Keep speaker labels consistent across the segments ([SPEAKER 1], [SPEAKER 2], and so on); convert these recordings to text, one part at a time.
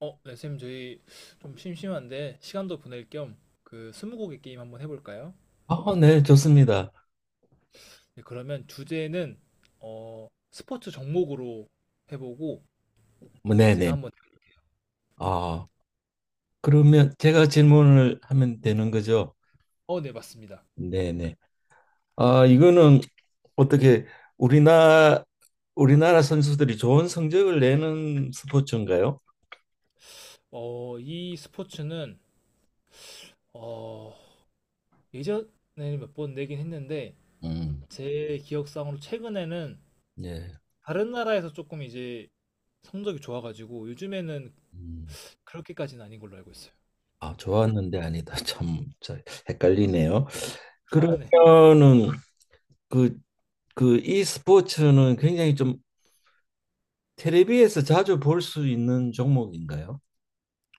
[SPEAKER 1] 네, 쌤, 저희 좀 심심한데 시간도 보낼 겸 그 스무고개 게임 한번 해볼까요?
[SPEAKER 2] 아, 네, 좋습니다.
[SPEAKER 1] 네, 그러면 주제는 스포츠 종목으로 해보고
[SPEAKER 2] 뭐, 네, 네.
[SPEAKER 1] 제가 한번.
[SPEAKER 2] 아, 그러면 제가 질문을 하면 되는 거죠?
[SPEAKER 1] 네, 맞습니다.
[SPEAKER 2] 네, 네. 아, 이거는 어떻게 우리나라 우리나라 선수들이 좋은 성적을 내는 스포츠인가요?
[SPEAKER 1] 이 스포츠는 어, 예전에는 몇 번 내긴 했는데
[SPEAKER 2] 음,
[SPEAKER 1] 제 기억상으로 최근에는
[SPEAKER 2] 예.
[SPEAKER 1] 다른 나라에서 조금 이제 성적이 좋아가지고 요즘에는
[SPEAKER 2] 음.
[SPEAKER 1] 그렇게까지는 아닌 걸로 알고 있어요.
[SPEAKER 2] 아, 좋았는데 아니다. 참, 저 헷갈리네요.
[SPEAKER 1] 아, 네.
[SPEAKER 2] 그러면은 그, 그 이 스포츠는 굉장히 좀 텔레비에서 자주 볼 수 있는 종목인가요?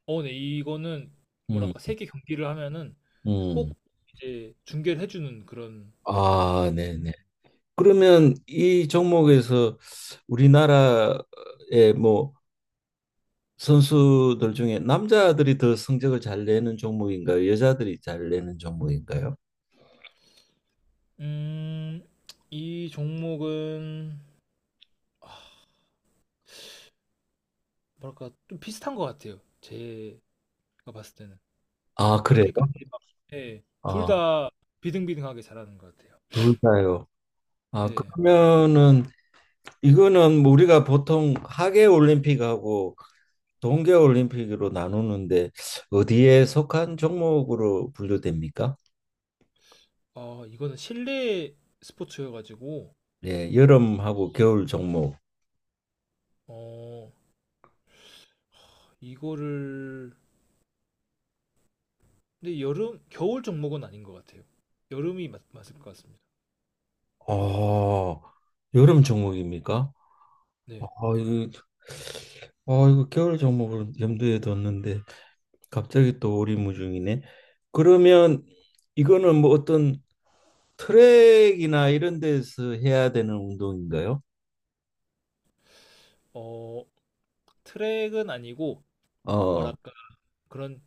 [SPEAKER 1] 네, 이거는
[SPEAKER 2] 음.
[SPEAKER 1] 뭐랄까 세계 경기를 하면은
[SPEAKER 2] 음.
[SPEAKER 1] 꼭 이제 중계를 해주는 그런.
[SPEAKER 2] 아, 네네. 그러면 이 종목에서 우리나라의 뭐 선수들 중에 남자들이 더 성적을 잘 내는 종목인가요? 여자들이 잘 내는 종목인가요?
[SPEAKER 1] 음, 이 종목은 뭐랄까 좀 비슷한 것 같아요. 제가 봤을 때는
[SPEAKER 2] 아, 그래요?
[SPEAKER 1] 그렇게까지 막. 네,
[SPEAKER 2] 아,
[SPEAKER 1] 둘다 비등비등하게 잘하는 것 같아요.
[SPEAKER 2] 둘 다요. 아,
[SPEAKER 1] 네,
[SPEAKER 2] 그러면은 이거는 뭐 우리가 보통 하계 올림픽하고 동계 올림픽으로 나누는데 어디에 속한 종목으로 분류됩니까?
[SPEAKER 1] 이거는 실내 스포츠여가지고.
[SPEAKER 2] 예, 여름하고 겨울 종목.
[SPEAKER 1] 어, 이거를 근데 여름 겨울 종목은 아닌 것 같아요. 여름이 맞을 것 같습니다.
[SPEAKER 2] 어, 여름 종목입니까? 아
[SPEAKER 1] 네,
[SPEAKER 2] 이거 아 이거 겨울 종목을 염두에 뒀는데 갑자기 또 오리무중이네. 그러면 이거는 뭐 어떤 트랙이나 이런 데서 해야 되는 운동인가요?
[SPEAKER 1] 어, 트랙은 아니고
[SPEAKER 2] 어,
[SPEAKER 1] 뭐랄까 그런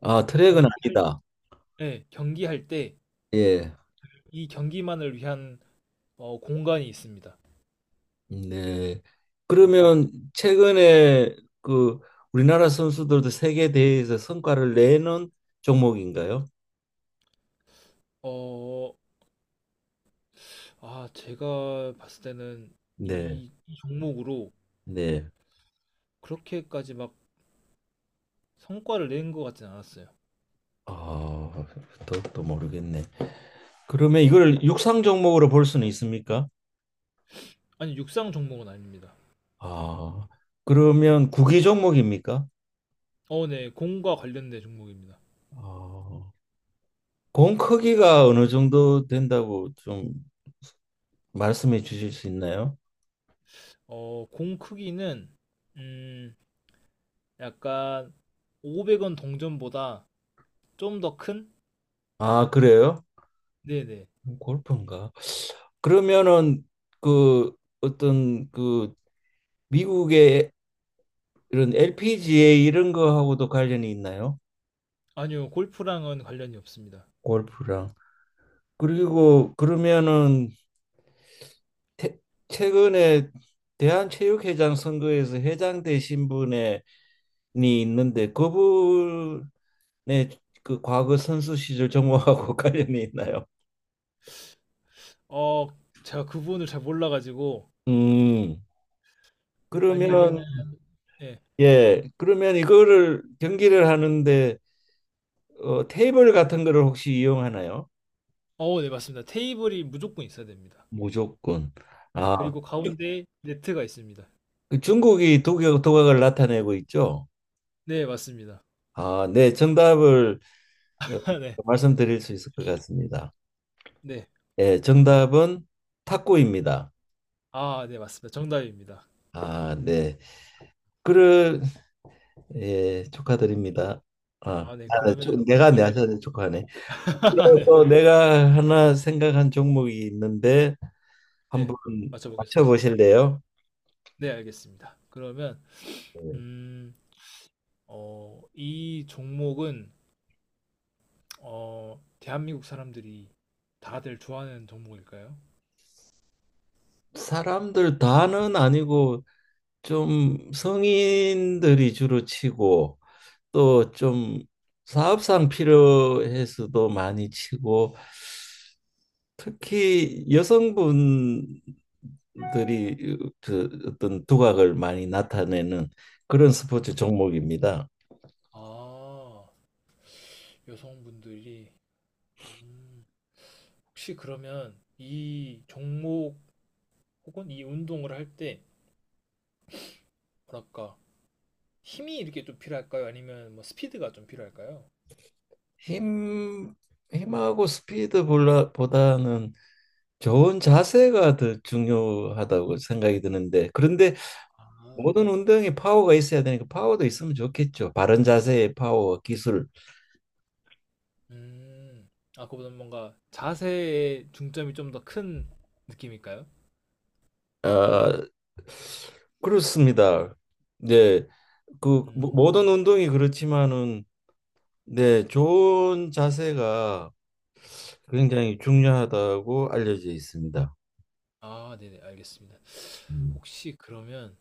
[SPEAKER 2] 아 트랙은
[SPEAKER 1] 경기할.
[SPEAKER 2] 아니다.
[SPEAKER 1] 네, 경기할 때
[SPEAKER 2] 예,
[SPEAKER 1] 이 경기만을 위한 공간이 있습니다.
[SPEAKER 2] 네.
[SPEAKER 1] 네.
[SPEAKER 2] 그러면 최근에 그 우리나라 선수들도 세계 대회에서 성과를 내는 종목인가요?
[SPEAKER 1] 어, 아, 제가 봤을 때는
[SPEAKER 2] 네,
[SPEAKER 1] 이 종목으로
[SPEAKER 2] 네.
[SPEAKER 1] 그렇게까지 막 성과를 낸 것 같진 않았어요.
[SPEAKER 2] 아, 또, 또 모르겠네. 그러면 이걸 육상 종목으로 볼 수는 있습니까?
[SPEAKER 1] 아니, 육상 종목은 아닙니다.
[SPEAKER 2] 아, 그러면 구기 종목입니까?
[SPEAKER 1] 네, 공과 관련된 종목입니다.
[SPEAKER 2] 아, 공 크기가 어느 정도 된다고 좀 말씀해 주실 수 있나요?
[SPEAKER 1] 공 크기는 음, 약간 500원 동전보다 좀 더 큰?
[SPEAKER 2] 아, 그래요?
[SPEAKER 1] 네네.
[SPEAKER 2] 골프인가? 그러면은 그 어떤 그 미국의 이런 LPGA 이런 거하고도 관련이 있나요?
[SPEAKER 1] 아니요, 골프랑은 관련이 없습니다.
[SPEAKER 2] 골프랑. 그리고 그러면은 태- 최근에 대한체육회장 선거에서 회장 되신 분의 있는데 그분의 그 과거 선수 시절 정보하고 관련이 있나요?
[SPEAKER 1] 어, 제가 그 부분을 잘 몰라가지고
[SPEAKER 2] 음. 그러면
[SPEAKER 1] 아니면은. 예,
[SPEAKER 2] 예, 그러면 이거를 경기를 하는데 테이블 같은 거를 혹시 이용하나요?
[SPEAKER 1] 네, 맞습니다. 테이블이 무조건 있어야 됩니다.
[SPEAKER 2] 무조건.
[SPEAKER 1] 네,
[SPEAKER 2] 아,
[SPEAKER 1] 그리고 가운데 네트가 있습니다.
[SPEAKER 2] 그 중국이 독일 도각을 나타내고 있죠.
[SPEAKER 1] 네, 맞습니다.
[SPEAKER 2] 아, 네, 정답을 어,
[SPEAKER 1] 네,
[SPEAKER 2] 말씀드릴 수 있을 것 같습니다.
[SPEAKER 1] 네.
[SPEAKER 2] 예, 정답은 탁구입니다.
[SPEAKER 1] 아, 네, 맞습니다. 정답입니다.
[SPEAKER 2] 아, 네. 그래 예, 축하드립니다. 아,
[SPEAKER 1] 아, 네,
[SPEAKER 2] 아,
[SPEAKER 1] 그러면
[SPEAKER 2] 내가
[SPEAKER 1] 이번엔.
[SPEAKER 2] 내한테 축하하네. 그리고
[SPEAKER 1] 네,
[SPEAKER 2] 또 내가 하나 생각한 종목이 있는데
[SPEAKER 1] 네,
[SPEAKER 2] 한번
[SPEAKER 1] 맞춰보겠습니다.
[SPEAKER 2] 맞춰보실래요?
[SPEAKER 1] 네, 알겠습니다. 그러면,
[SPEAKER 2] 네.
[SPEAKER 1] 음, 이 종목은, 대한민국 사람들이 다들 좋아하는 종목일까요?
[SPEAKER 2] 사람들 다는 아니고 좀 성인들이 주로 치고 또 좀 사업상 필요해서도 많이 치고 특히 여성분들이 그 어떤 두각을 많이 나타내는 그런 스포츠 종목입니다.
[SPEAKER 1] 아, 여성분들이. 음, 혹시 그러면 이 종목 혹은 이 운동을 할 때, 뭐랄까 힘이 이렇게 좀 필요할까요? 아니면 뭐 스피드가 좀 필요할까요?
[SPEAKER 2] 힘, 힘하고 스피드보다는 좋은 자세가 더 중요하다고 생각이 드는데, 그런데
[SPEAKER 1] 아,
[SPEAKER 2] 모든 운동에 파워가 있어야 되니까 파워도 있으면 좋겠죠. 바른 자세의 파워, 기술.
[SPEAKER 1] 음, 아 그보다 뭔가 자세에 중점이 좀 더 큰 느낌일까요?
[SPEAKER 2] 아, 그렇습니다. 네, 그 모-
[SPEAKER 1] 음,
[SPEAKER 2] 모든 운동이 그렇지만은, 네, 좋은 자세가 굉장히 중요하다고 알려져 있습니다.
[SPEAKER 1] 아 네네 알겠습니다.
[SPEAKER 2] 음.
[SPEAKER 1] 혹시 그러면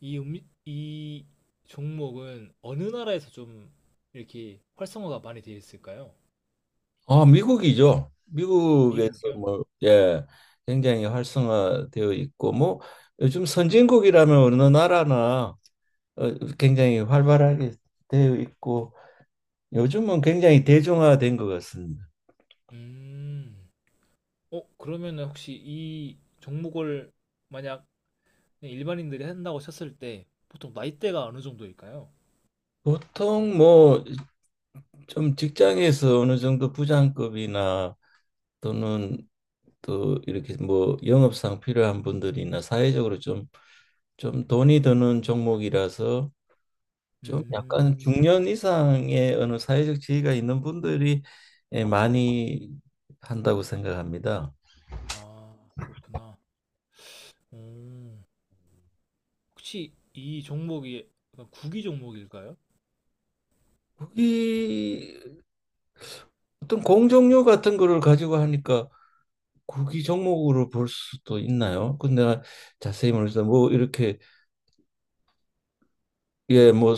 [SPEAKER 1] 이 종목은 어느 나라에서 좀 이렇게 활성화가 많이 되어 있을까요?
[SPEAKER 2] 아, 미국이죠.
[SPEAKER 1] 음.
[SPEAKER 2] 미국에서
[SPEAKER 1] 미국이요?
[SPEAKER 2] 뭐, 예, 굉장히 활성화되어 있고, 뭐, 요즘 선진국이라면 어느 나라나 굉장히 활발하게 되어 있고, 요즘은 굉장히 대중화된 것 같습니다.
[SPEAKER 1] 음, 그러면 혹시 이 종목을 만약 그냥 일반인들이 한다고 쳤을 때 보통 나이대가 어느 정도일까요?
[SPEAKER 2] 보통 뭐, 좀 직장에서 어느 정도 부장급이나 또는 또 이렇게 뭐 영업상 필요한 분들이나 사회적으로 좀, 돈이 드는 종목이라서 좀
[SPEAKER 1] 음,
[SPEAKER 2] 약간 중년 이상의 어느 사회적 지위가 있는 분들이 예, 많이 한다고 생각합니다.
[SPEAKER 1] 아, 그렇구나. 오, 혹시 이 종목이 약간 구기 종목일까요?
[SPEAKER 2] 국이 어떤 공정률 같은 거를 가지고 하니까 국이 종목으로 볼 수도 있나요? 근데 자세히 모르겠어요. 뭐 이렇게 예, 뭐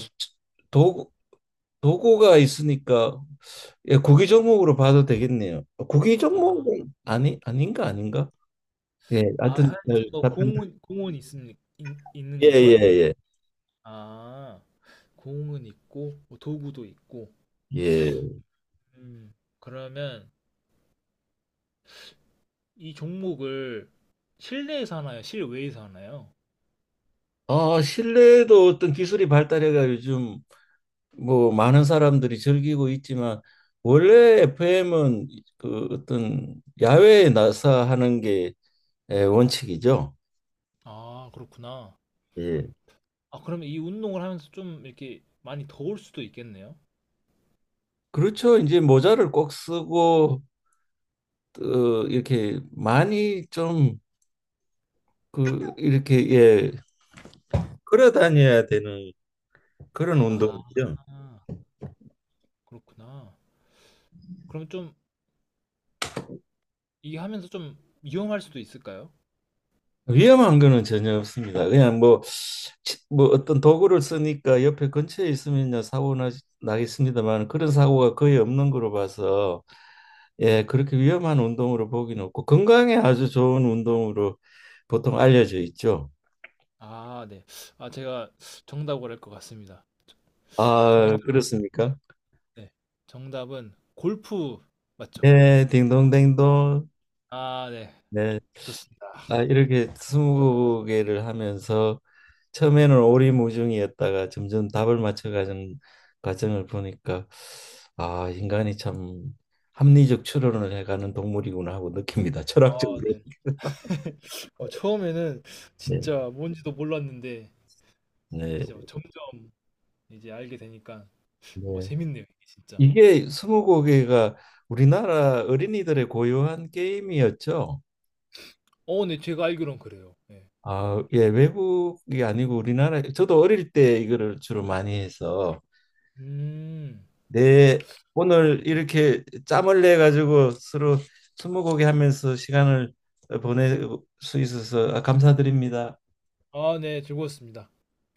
[SPEAKER 2] 도구 도구가 있으니까 예, 국이 종목으로 봐도 되겠네요. 국이
[SPEAKER 1] 아,
[SPEAKER 2] 종목은 아니 아닌가 아닌가? 예,
[SPEAKER 1] 아,
[SPEAKER 2] 하여튼
[SPEAKER 1] 하여튼 뭐
[SPEAKER 2] 같은
[SPEAKER 1] 공은 있는
[SPEAKER 2] 예예예
[SPEAKER 1] 거죠?
[SPEAKER 2] 예.
[SPEAKER 1] 아, 공은 있고 뭐 도구도 있고.
[SPEAKER 2] 예, 예. 예.
[SPEAKER 1] 음, 그러면 이 종목을 실내에서 하나요? 실외에서 하나요?
[SPEAKER 2] 아 실내에도 어떤 기술이 발달해가 요즘 뭐 많은 사람들이 즐기고 있지만 원래 FM은 그 어떤 야외에 나서 하는 게 예, 원칙이죠.
[SPEAKER 1] 아, 그렇구나.
[SPEAKER 2] 예.
[SPEAKER 1] 아, 그러면 이 운동을 하면서 좀 이렇게 많이 더울 수도 있겠네요.
[SPEAKER 2] 그렇죠. 이제 모자를 꼭 쓰고 이렇게 많이 좀 그 이렇게 예 걸어 다녀야 되는 그런
[SPEAKER 1] 아,
[SPEAKER 2] 운동이죠.
[SPEAKER 1] 그렇구나. 그럼 좀 이게 하면서 좀 위험할 수도 있을까요?
[SPEAKER 2] 위험한 거는 전혀 없습니다. 그냥 뭐, 뭐 어떤 도구를 쓰니까 옆에 근처에 있으면 요 사고 나겠습니다만 그런 사고가 거의 없는 거로 봐서 예, 그렇게 위험한 운동으로 보기는 없고 건강에 아주 좋은 운동으로 보통 알려져 있죠.
[SPEAKER 1] 아, 네. 아, 제가 정답을 할 것 같습니다.
[SPEAKER 2] 아,
[SPEAKER 1] 정답,
[SPEAKER 2] 그렇습니까?
[SPEAKER 1] 네. 정답은 골프 맞죠?
[SPEAKER 2] 예, 딩동댕동.
[SPEAKER 1] 아, 네.
[SPEAKER 2] 네.
[SPEAKER 1] 좋습니다.
[SPEAKER 2] 아, 이렇게 스무 개를 하면서 처음에는 오리무중이었다가 점점 답을 맞춰가는 과정을 보니까 아, 인간이 참 합리적 추론을 해가는 동물이구나 하고 느낍니다.
[SPEAKER 1] 아,
[SPEAKER 2] 철학적으로.
[SPEAKER 1] 네. 처음에는
[SPEAKER 2] 네.
[SPEAKER 1] 진짜 뭔지도 몰랐는데
[SPEAKER 2] 네.
[SPEAKER 1] 진짜 점점 이제 알게 되니까 뭔가
[SPEAKER 2] 네.
[SPEAKER 1] 재밌네요, 이게 진짜.
[SPEAKER 2] 이게 스무고개가 우리나라 어린이들의 고유한 게임이었죠.
[SPEAKER 1] 네. 제가 알기론 그래요. 네.
[SPEAKER 2] 아, 예, 외국이 아니고 우리나라 저도 어릴 때 이거를 주로 많이 해서
[SPEAKER 1] 음.
[SPEAKER 2] 네,
[SPEAKER 1] 네.
[SPEAKER 2] 오늘 이렇게 짬을 내 가지고 서로 스무고개 하면서 시간을 보낼 수 있어서 감사드립니다.
[SPEAKER 1] 아, 네. 즐거웠습니다.